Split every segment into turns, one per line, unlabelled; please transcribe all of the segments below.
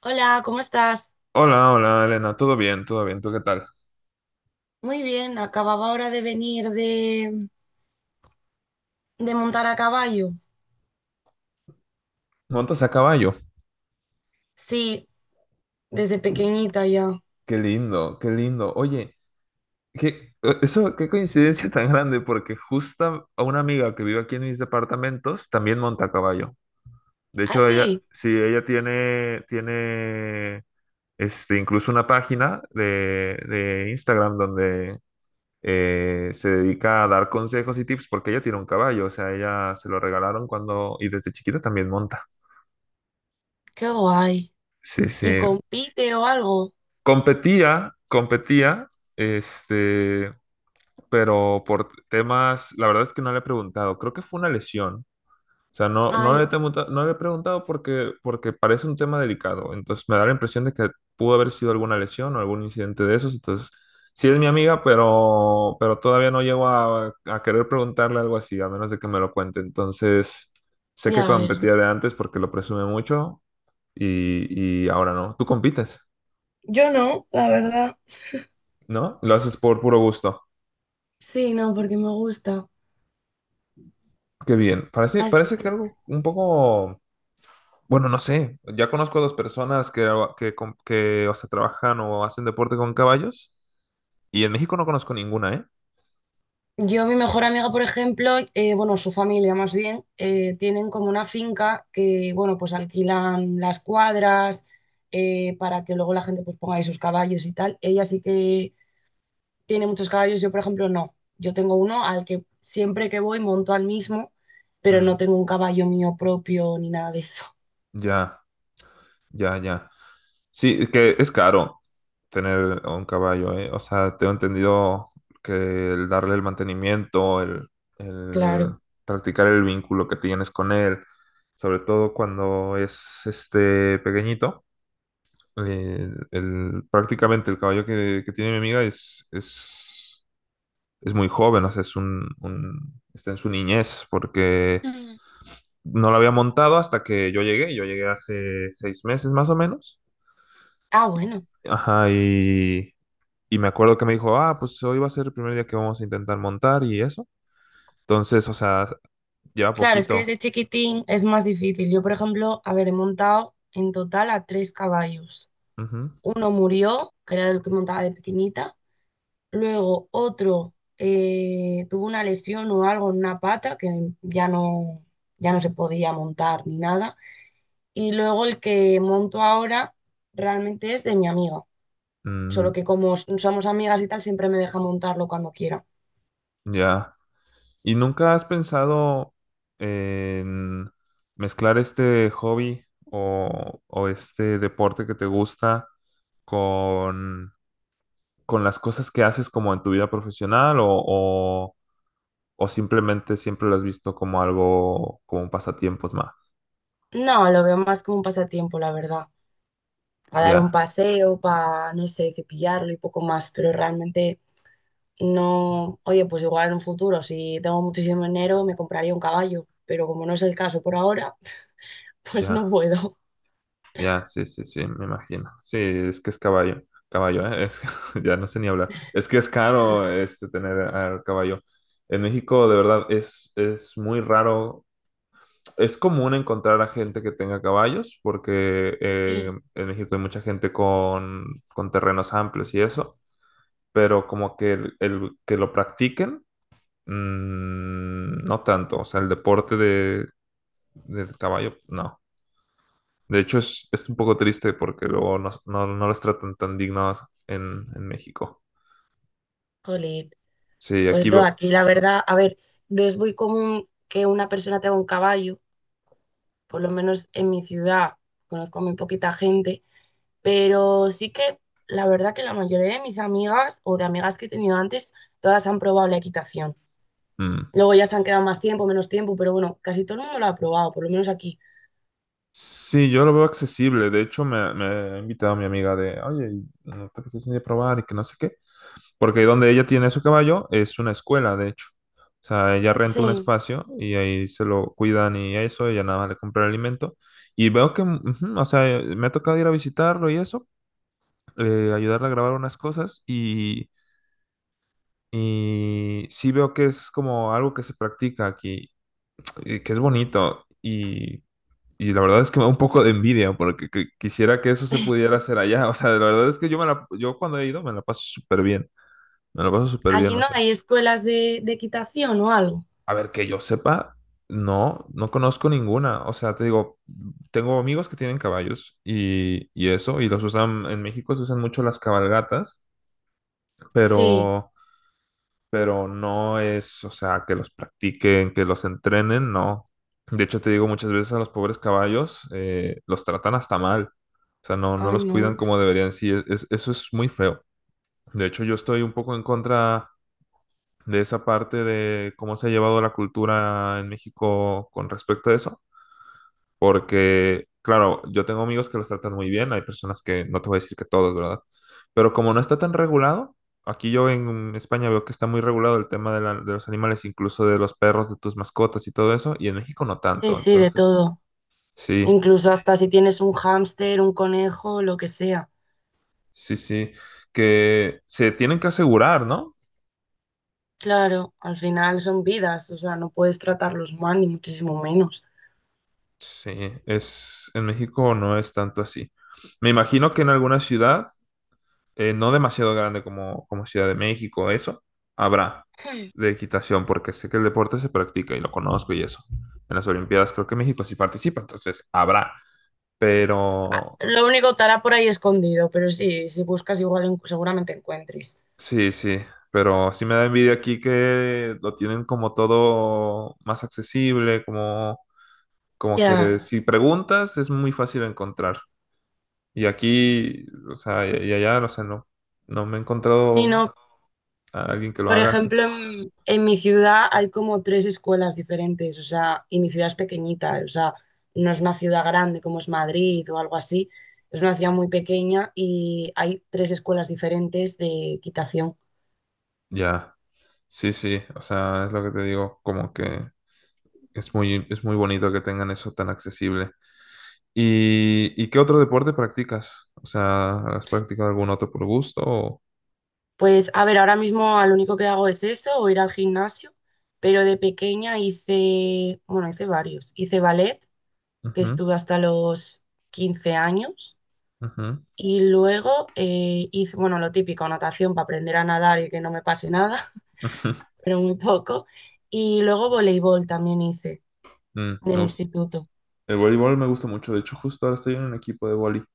Hola, ¿cómo estás?
Hola, hola, Elena, todo bien, ¿tú qué tal?
Muy bien, acababa ahora de venir de montar a caballo.
¿Montas a caballo?
Sí, desde pequeñita ya.
Qué lindo, qué lindo. Oye, qué, eso, qué coincidencia tan grande, porque justo a una amiga que vive aquí en mis departamentos también monta a caballo. De
Ah,
hecho, ella,
sí,
sí, ella tiene, incluso una página de Instagram donde se dedica a dar consejos y tips porque ella tiene un caballo, o sea, ella se lo regalaron cuando, y desde chiquita también monta.
qué guay.
Sí,
¿Y
sí.
compite o algo?
Competía, competía, este, pero por temas, la verdad es que no le he preguntado, creo que fue una lesión. O sea, no, no
Ay,
le he, no le he preguntado porque parece un tema delicado. Entonces me da la impresión de que pudo haber sido alguna lesión o algún incidente de esos. Entonces, sí es mi amiga, pero todavía no llego a querer preguntarle algo así, a menos de que me lo cuente. Entonces, sé que
ya a ver.
competía de antes porque lo presume mucho y ahora no. Tú compites,
Yo no, la verdad.
¿no? Lo haces por puro gusto.
Sí, no, porque me gusta.
Qué bien. Parece,
Así
parece que
que-
algo un poco, bueno, no sé. Ya conozco a dos personas que, o sea, trabajan o hacen deporte con caballos. Y en México no conozco ninguna, ¿eh?
Yo, mi mejor amiga, por ejemplo, bueno, su familia más bien, tienen como una finca que, bueno, pues alquilan las cuadras para que luego la gente pues ponga ahí sus caballos y tal. Ella sí que tiene muchos caballos, yo por ejemplo no. Yo tengo uno al que siempre que voy monto al mismo, pero
Mm,
no tengo un caballo mío propio ni nada de eso.
ya, ya, ya. Sí, es que es caro tener un caballo, ¿eh? O sea, tengo entendido que el darle el mantenimiento, el
Claro.
practicar el vínculo que tienes con él, sobre todo cuando es este pequeñito prácticamente el caballo que tiene mi amiga es muy joven, o sea, está en su niñez, porque
Mm.
no lo había montado hasta que yo llegué. Yo llegué hace 6 meses más o menos.
Ah, bueno.
Ajá, y me acuerdo que me dijo, ah, pues hoy va a ser el primer día que vamos a intentar montar y eso. Entonces, o sea, lleva
Claro, es que
poquito.
desde chiquitín es más difícil. Yo por ejemplo, a ver, he montado en total a tres caballos.
Ujú.
Uno murió, que era el que montaba de pequeñita. Luego otro tuvo una lesión o algo en una pata que ya no, ya no se podía montar ni nada. Y luego el que monto ahora realmente es de mi amiga.
Mm,
Solo que como somos amigas y tal, siempre me deja montarlo cuando quiera.
ya. ¿Y nunca has pensado en mezclar este hobby o este deporte que te gusta con, con las cosas que haces como en tu vida profesional o simplemente siempre lo has visto como algo, como pasatiempos más?
No, lo veo más como un pasatiempo, la verdad. Para dar un
Ya,
paseo, para, no sé, cepillarlo y poco más. Pero realmente no. Oye, pues igual en un futuro, si tengo muchísimo dinero, me compraría un caballo. Pero como no es el caso por ahora, pues no
ya,
puedo.
ya, sí, sí, sí, me imagino. Sí, es que es caballo, caballo, ¿eh? Es, ya no sé ni hablar. Es que es caro tener al caballo. En México, de verdad, es muy raro. Es común encontrar a gente que tenga caballos, porque
Sí.
en México hay mucha gente con terrenos amplios y eso, pero como que el que lo practiquen, no tanto. O sea, el deporte del caballo, no. De hecho, es un poco triste porque luego no los tratan tan dignos en México.
Jolín.
Sí,
Pues
aquí
no,
veo.
aquí la verdad, a ver, no es muy común que una persona tenga un caballo por lo menos en mi ciudad, conozco muy poquita gente, pero sí que la verdad que la mayoría de mis amigas o de amigas que he tenido antes, todas han probado la equitación.
Mm.
Luego ya se han quedado más tiempo, menos tiempo, pero bueno, casi todo el mundo lo ha probado, por lo menos aquí.
Sí, yo lo veo accesible. De hecho, me ha invitado mi amiga de, oye, ¿no te apetece ir a probar y que no sé qué? Porque donde ella tiene su caballo es una escuela, de hecho. O sea, ella renta un
Sí,
espacio y ahí se lo cuidan y eso, ella nada más le compra el alimento. Y veo que, ujú, o sea, me ha tocado ir a visitarlo y eso, ayudarle a grabar unas cosas y sí veo que es como algo que se practica aquí, y que es bonito y la verdad es que me da un poco de envidia porque quisiera que eso se pudiera hacer allá. O sea, la verdad es que yo, yo cuando he ido me la paso súper bien, me la paso súper bien.
allí no hay escuelas de equitación o algo.
A ver, que yo sepa, no conozco ninguna. O sea, te digo, tengo amigos que tienen caballos y eso, y los usan, en México se usan mucho las cabalgatas,
Sí,
pero, pero no es, o sea, que los practiquen, que los entrenen, no. De hecho, te digo, muchas veces a los pobres caballos los tratan hasta mal. O sea, no
ay
los cuidan
no.
como deberían. Sí, eso es muy feo. De hecho, yo estoy un poco en contra de esa parte de cómo se ha llevado la cultura en México con respecto a eso, porque, claro, yo tengo amigos que los tratan muy bien, hay personas que, no te voy a decir que todos, ¿verdad? Pero como no está tan regulado, aquí yo en España veo que está muy regulado el tema de los animales, incluso de los perros, de tus mascotas y todo eso, y en México no
Sí,
tanto,
sí, de
entonces,
todo.
sí,
Incluso hasta si tienes un hámster, un conejo, lo que sea.
sí, sí, que se tienen que asegurar, ¿no?
Claro, al final son vidas, o sea, no puedes tratarlos mal, ni muchísimo menos.
Sí, es, en México no es tanto así. Me imagino que en alguna ciudad no demasiado grande como Ciudad de México, eso, habrá de equitación, porque sé que el deporte se practica y lo conozco y eso. En las Olimpiadas creo que México sí participa, entonces habrá.
Ah,
Pero
lo único estará por ahí escondido, pero sí, si buscas igual seguramente encuentres.
sí, sí, pero sí me da envidia aquí que lo tienen como todo más accesible, como
Ya,
que si preguntas es muy fácil encontrar. Y aquí, o sea, y allá, o sea, no me he
sí,
encontrado
no.
a alguien que lo
Por
haga así.
ejemplo, en mi ciudad hay como tres escuelas diferentes, o sea, y mi ciudad es pequeñita, o sea, no es una ciudad grande como es Madrid o algo así, es una ciudad muy pequeña y hay tres escuelas diferentes de equitación.
Ya. Sí, sí, o sea, es lo que te digo, como que es muy bonito que tengan eso tan accesible. ¿Y qué otro deporte practicas? O sea, ¿has practicado algún otro por gusto?
Pues a ver, ahora mismo lo único que hago es eso o ir al gimnasio, pero de pequeña hice, bueno, hice varios, hice ballet que
Ujú,
estuve hasta los 15 años.
ujú,
Y luego hice, bueno, lo típico, natación para aprender a nadar y que no me pase nada,
ujú.
pero muy poco. Y luego voleibol también hice
Mm.
en el instituto.
El voleibol me gusta mucho, de hecho, justo ahora estoy en un equipo de voleibol.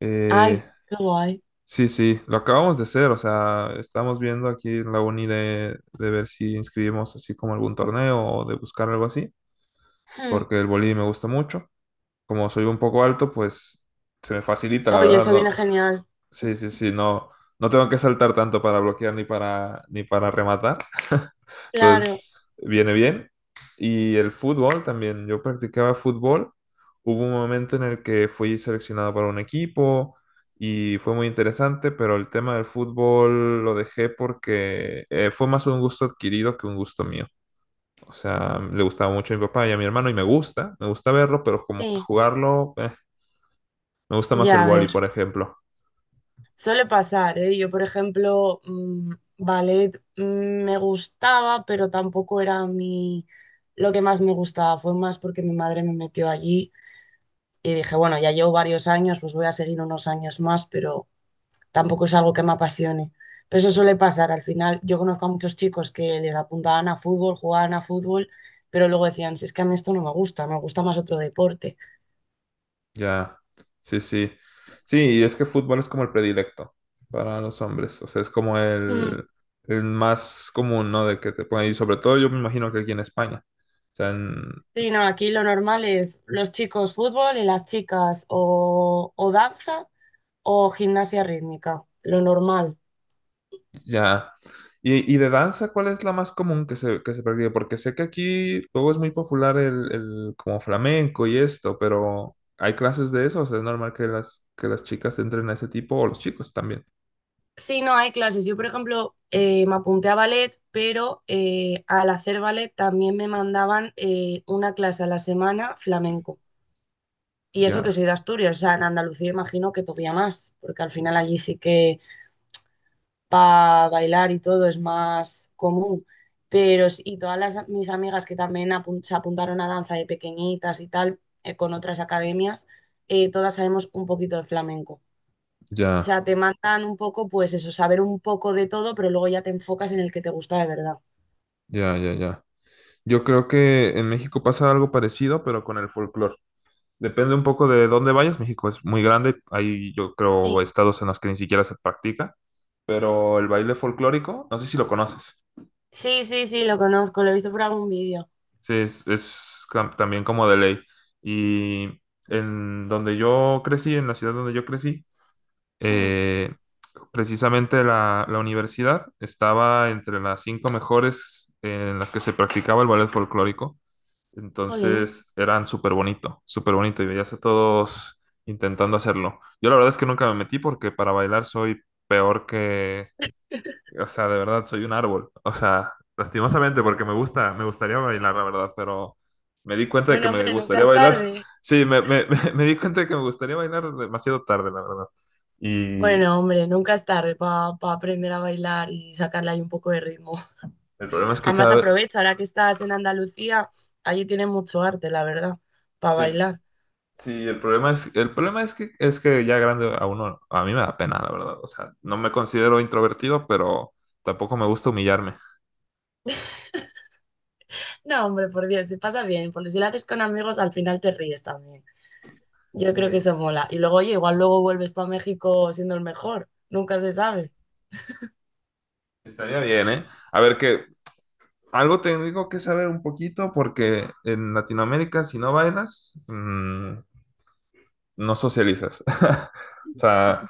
Eh,
Ay, qué guay.
sí, sí, lo acabamos de hacer, o sea, estamos viendo aquí en la uni de ver si inscribimos así como algún torneo o de buscar algo así,
Hmm.
porque el voleibol me gusta mucho. Como soy un poco alto, pues se me facilita, la
Oye,
verdad,
eso viene
no.
genial.
Sí, sí, sí, no tengo que saltar tanto para bloquear ni para rematar. Entonces,
Claro,
viene bien. Y el fútbol también, yo practicaba fútbol. Hubo un momento en el que fui seleccionado para un equipo y fue muy interesante, pero el tema del fútbol lo dejé porque fue más un gusto adquirido que un gusto mío. O sea, le gustaba mucho a mi papá y a mi hermano y me gusta verlo, pero como que
sí.
jugarlo. Me gusta más el
Ya, a
vóley,
ver,
por ejemplo.
suele pasar, ¿eh? Yo, por ejemplo, ballet me gustaba, pero tampoco era mi lo que más me gustaba. Fue más porque mi madre me metió allí. Y dije, bueno, ya llevo varios años, pues voy a seguir unos años más, pero tampoco es algo que me apasione. Pero eso suele pasar. Al final, yo conozco a muchos chicos que les apuntaban a fútbol, jugaban a fútbol, pero luego decían, si es que a mí esto no me gusta, me gusta más otro deporte.
Ya, sí, sí. Sí, y es que fútbol es como el predilecto para los hombres. O sea, es como
Mm.
el más común, ¿no? De que te ponen. Y sobre todo yo me imagino que aquí en España. O sea,
Sí, no, aquí lo normal es los chicos fútbol y las chicas o danza o gimnasia rítmica, lo normal.
ya. Y de danza, ¿cuál es la más común que se practica? Porque sé que aquí luego es muy popular el como flamenco y esto, pero ¿hay clases de eso? O sea, ¿es normal que las chicas entren a ese tipo o los chicos también?
Sí, no, hay clases. Yo, por ejemplo, me apunté a ballet, pero al hacer ballet también me mandaban una clase a la semana flamenco. Y eso que
Ya,
soy de Asturias, o sea, en Andalucía imagino que todavía más, porque al final allí sí que para bailar y todo es más común. Pero, y todas las, mis amigas que también se apuntaron a danza de pequeñitas y tal, con otras academias, todas sabemos un poquito de flamenco. O
ya,
sea, te mandan un poco, pues eso, saber un poco de todo, pero luego ya te enfocas en el que te gusta de verdad.
ya, ya, ya. Yo creo que en México pasa algo parecido, pero con el folclore. Depende un poco de dónde vayas. México es muy grande. Hay, yo creo,
Sí,
estados en los que ni siquiera se practica. Pero el baile folclórico, no sé si lo conoces.
sí, sí, sí, lo conozco, lo he visto por algún vídeo.
Sí, también como de ley. Y en donde yo crecí, en la ciudad donde yo crecí,
Hmm,
eh, precisamente la universidad estaba entre las cinco mejores en las que se practicaba el ballet folclórico.
jolín.
Entonces eran súper bonito y veías a todos intentando hacerlo. Yo la verdad es que nunca me metí porque para bailar soy peor que, o sea, de verdad soy un árbol. O sea, lastimosamente porque me gustaría bailar, la verdad, pero me di cuenta de que
Bueno,
me
hombre, nunca
gustaría
es
bailar.
tarde.
Sí, me di cuenta de que me gustaría bailar demasiado tarde, la verdad. Y
Bueno, hombre, nunca es tarde para aprender a bailar y sacarle ahí un poco de ritmo.
el problema es que
Además,
cada vez.
aprovecha, ahora que estás en Andalucía, allí tiene mucho arte, la verdad, para bailar.
Sí, el problema es que ya grande a uno, a mí me da pena, la verdad. O sea, no me considero introvertido, pero tampoco me gusta humillarme.
No, hombre, por Dios, te pasa bien, porque si lo haces con amigos, al final te ríes también. Yo
Sí,
creo que eso mola. Y luego, oye, igual luego vuelves para México siendo el mejor. Nunca se sabe.
estaría bien, ¿eh? A ver, que algo tengo que saber un poquito porque en Latinoamérica si no bailas, no socializas. O sea,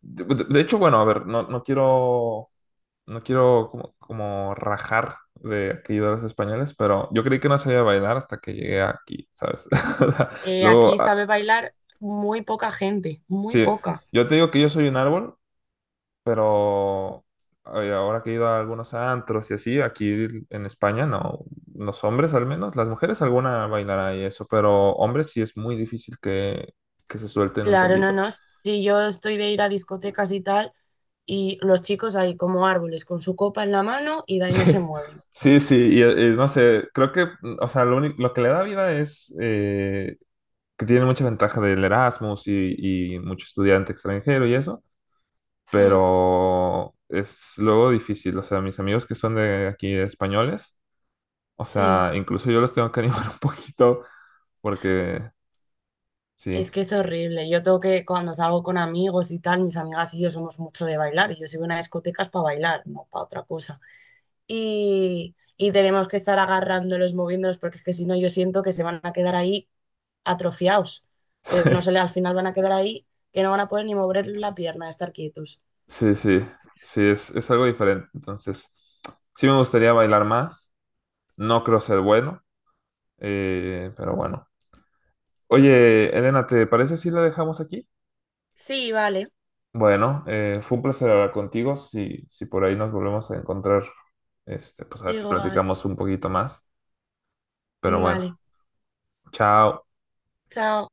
de, de hecho, bueno, a ver, no quiero como rajar de aquellos españoles, pero yo creí que no sabía bailar hasta que llegué aquí, ¿sabes? O sea,
Aquí
luego, ah,
sabe bailar muy poca gente, muy
sí,
poca.
yo te digo que yo soy un árbol, pero ay, ahora que he ido a algunos antros y así, aquí en España, no, los hombres al menos, las mujeres alguna bailará y eso, pero hombres sí es muy difícil que se suelten un
Claro, no,
poquito.
no. Si yo estoy de ir a discotecas y tal, y los chicos ahí como árboles con su copa en la mano y de ahí
Sí.
no se mueven.
Sí, sí, y, no sé, creo que, o sea, lo único, lo que le da vida es, que tiene mucha ventaja del Erasmus y mucho estudiante extranjero y eso,
Hmm,
pero es luego difícil. O sea, mis amigos que son de aquí españoles, o sea,
sí,
incluso yo los tengo que animar un poquito porque sí,
es que es horrible. Yo tengo que, cuando salgo con amigos y tal, mis amigas y yo somos mucho de bailar. Y yo soy una discoteca para bailar, no para otra cosa. Y tenemos que estar agarrándolos, moviéndolos, porque es que si no, yo siento que se van a quedar ahí atrofiados, que no se le, al final van a quedar ahí, que no van a poder ni mover la pierna, estar quietos.
sí, sí, sí, sí, es algo diferente. Entonces, sí me gustaría bailar más, no creo ser bueno, pero bueno. Oye, Elena, ¿te parece si la dejamos aquí?
Sí, vale,
Bueno, fue un placer hablar contigo. Si por ahí nos volvemos a encontrar, pues a ver si
igual,
platicamos un poquito más. Pero bueno,
vale,
chao.
chao.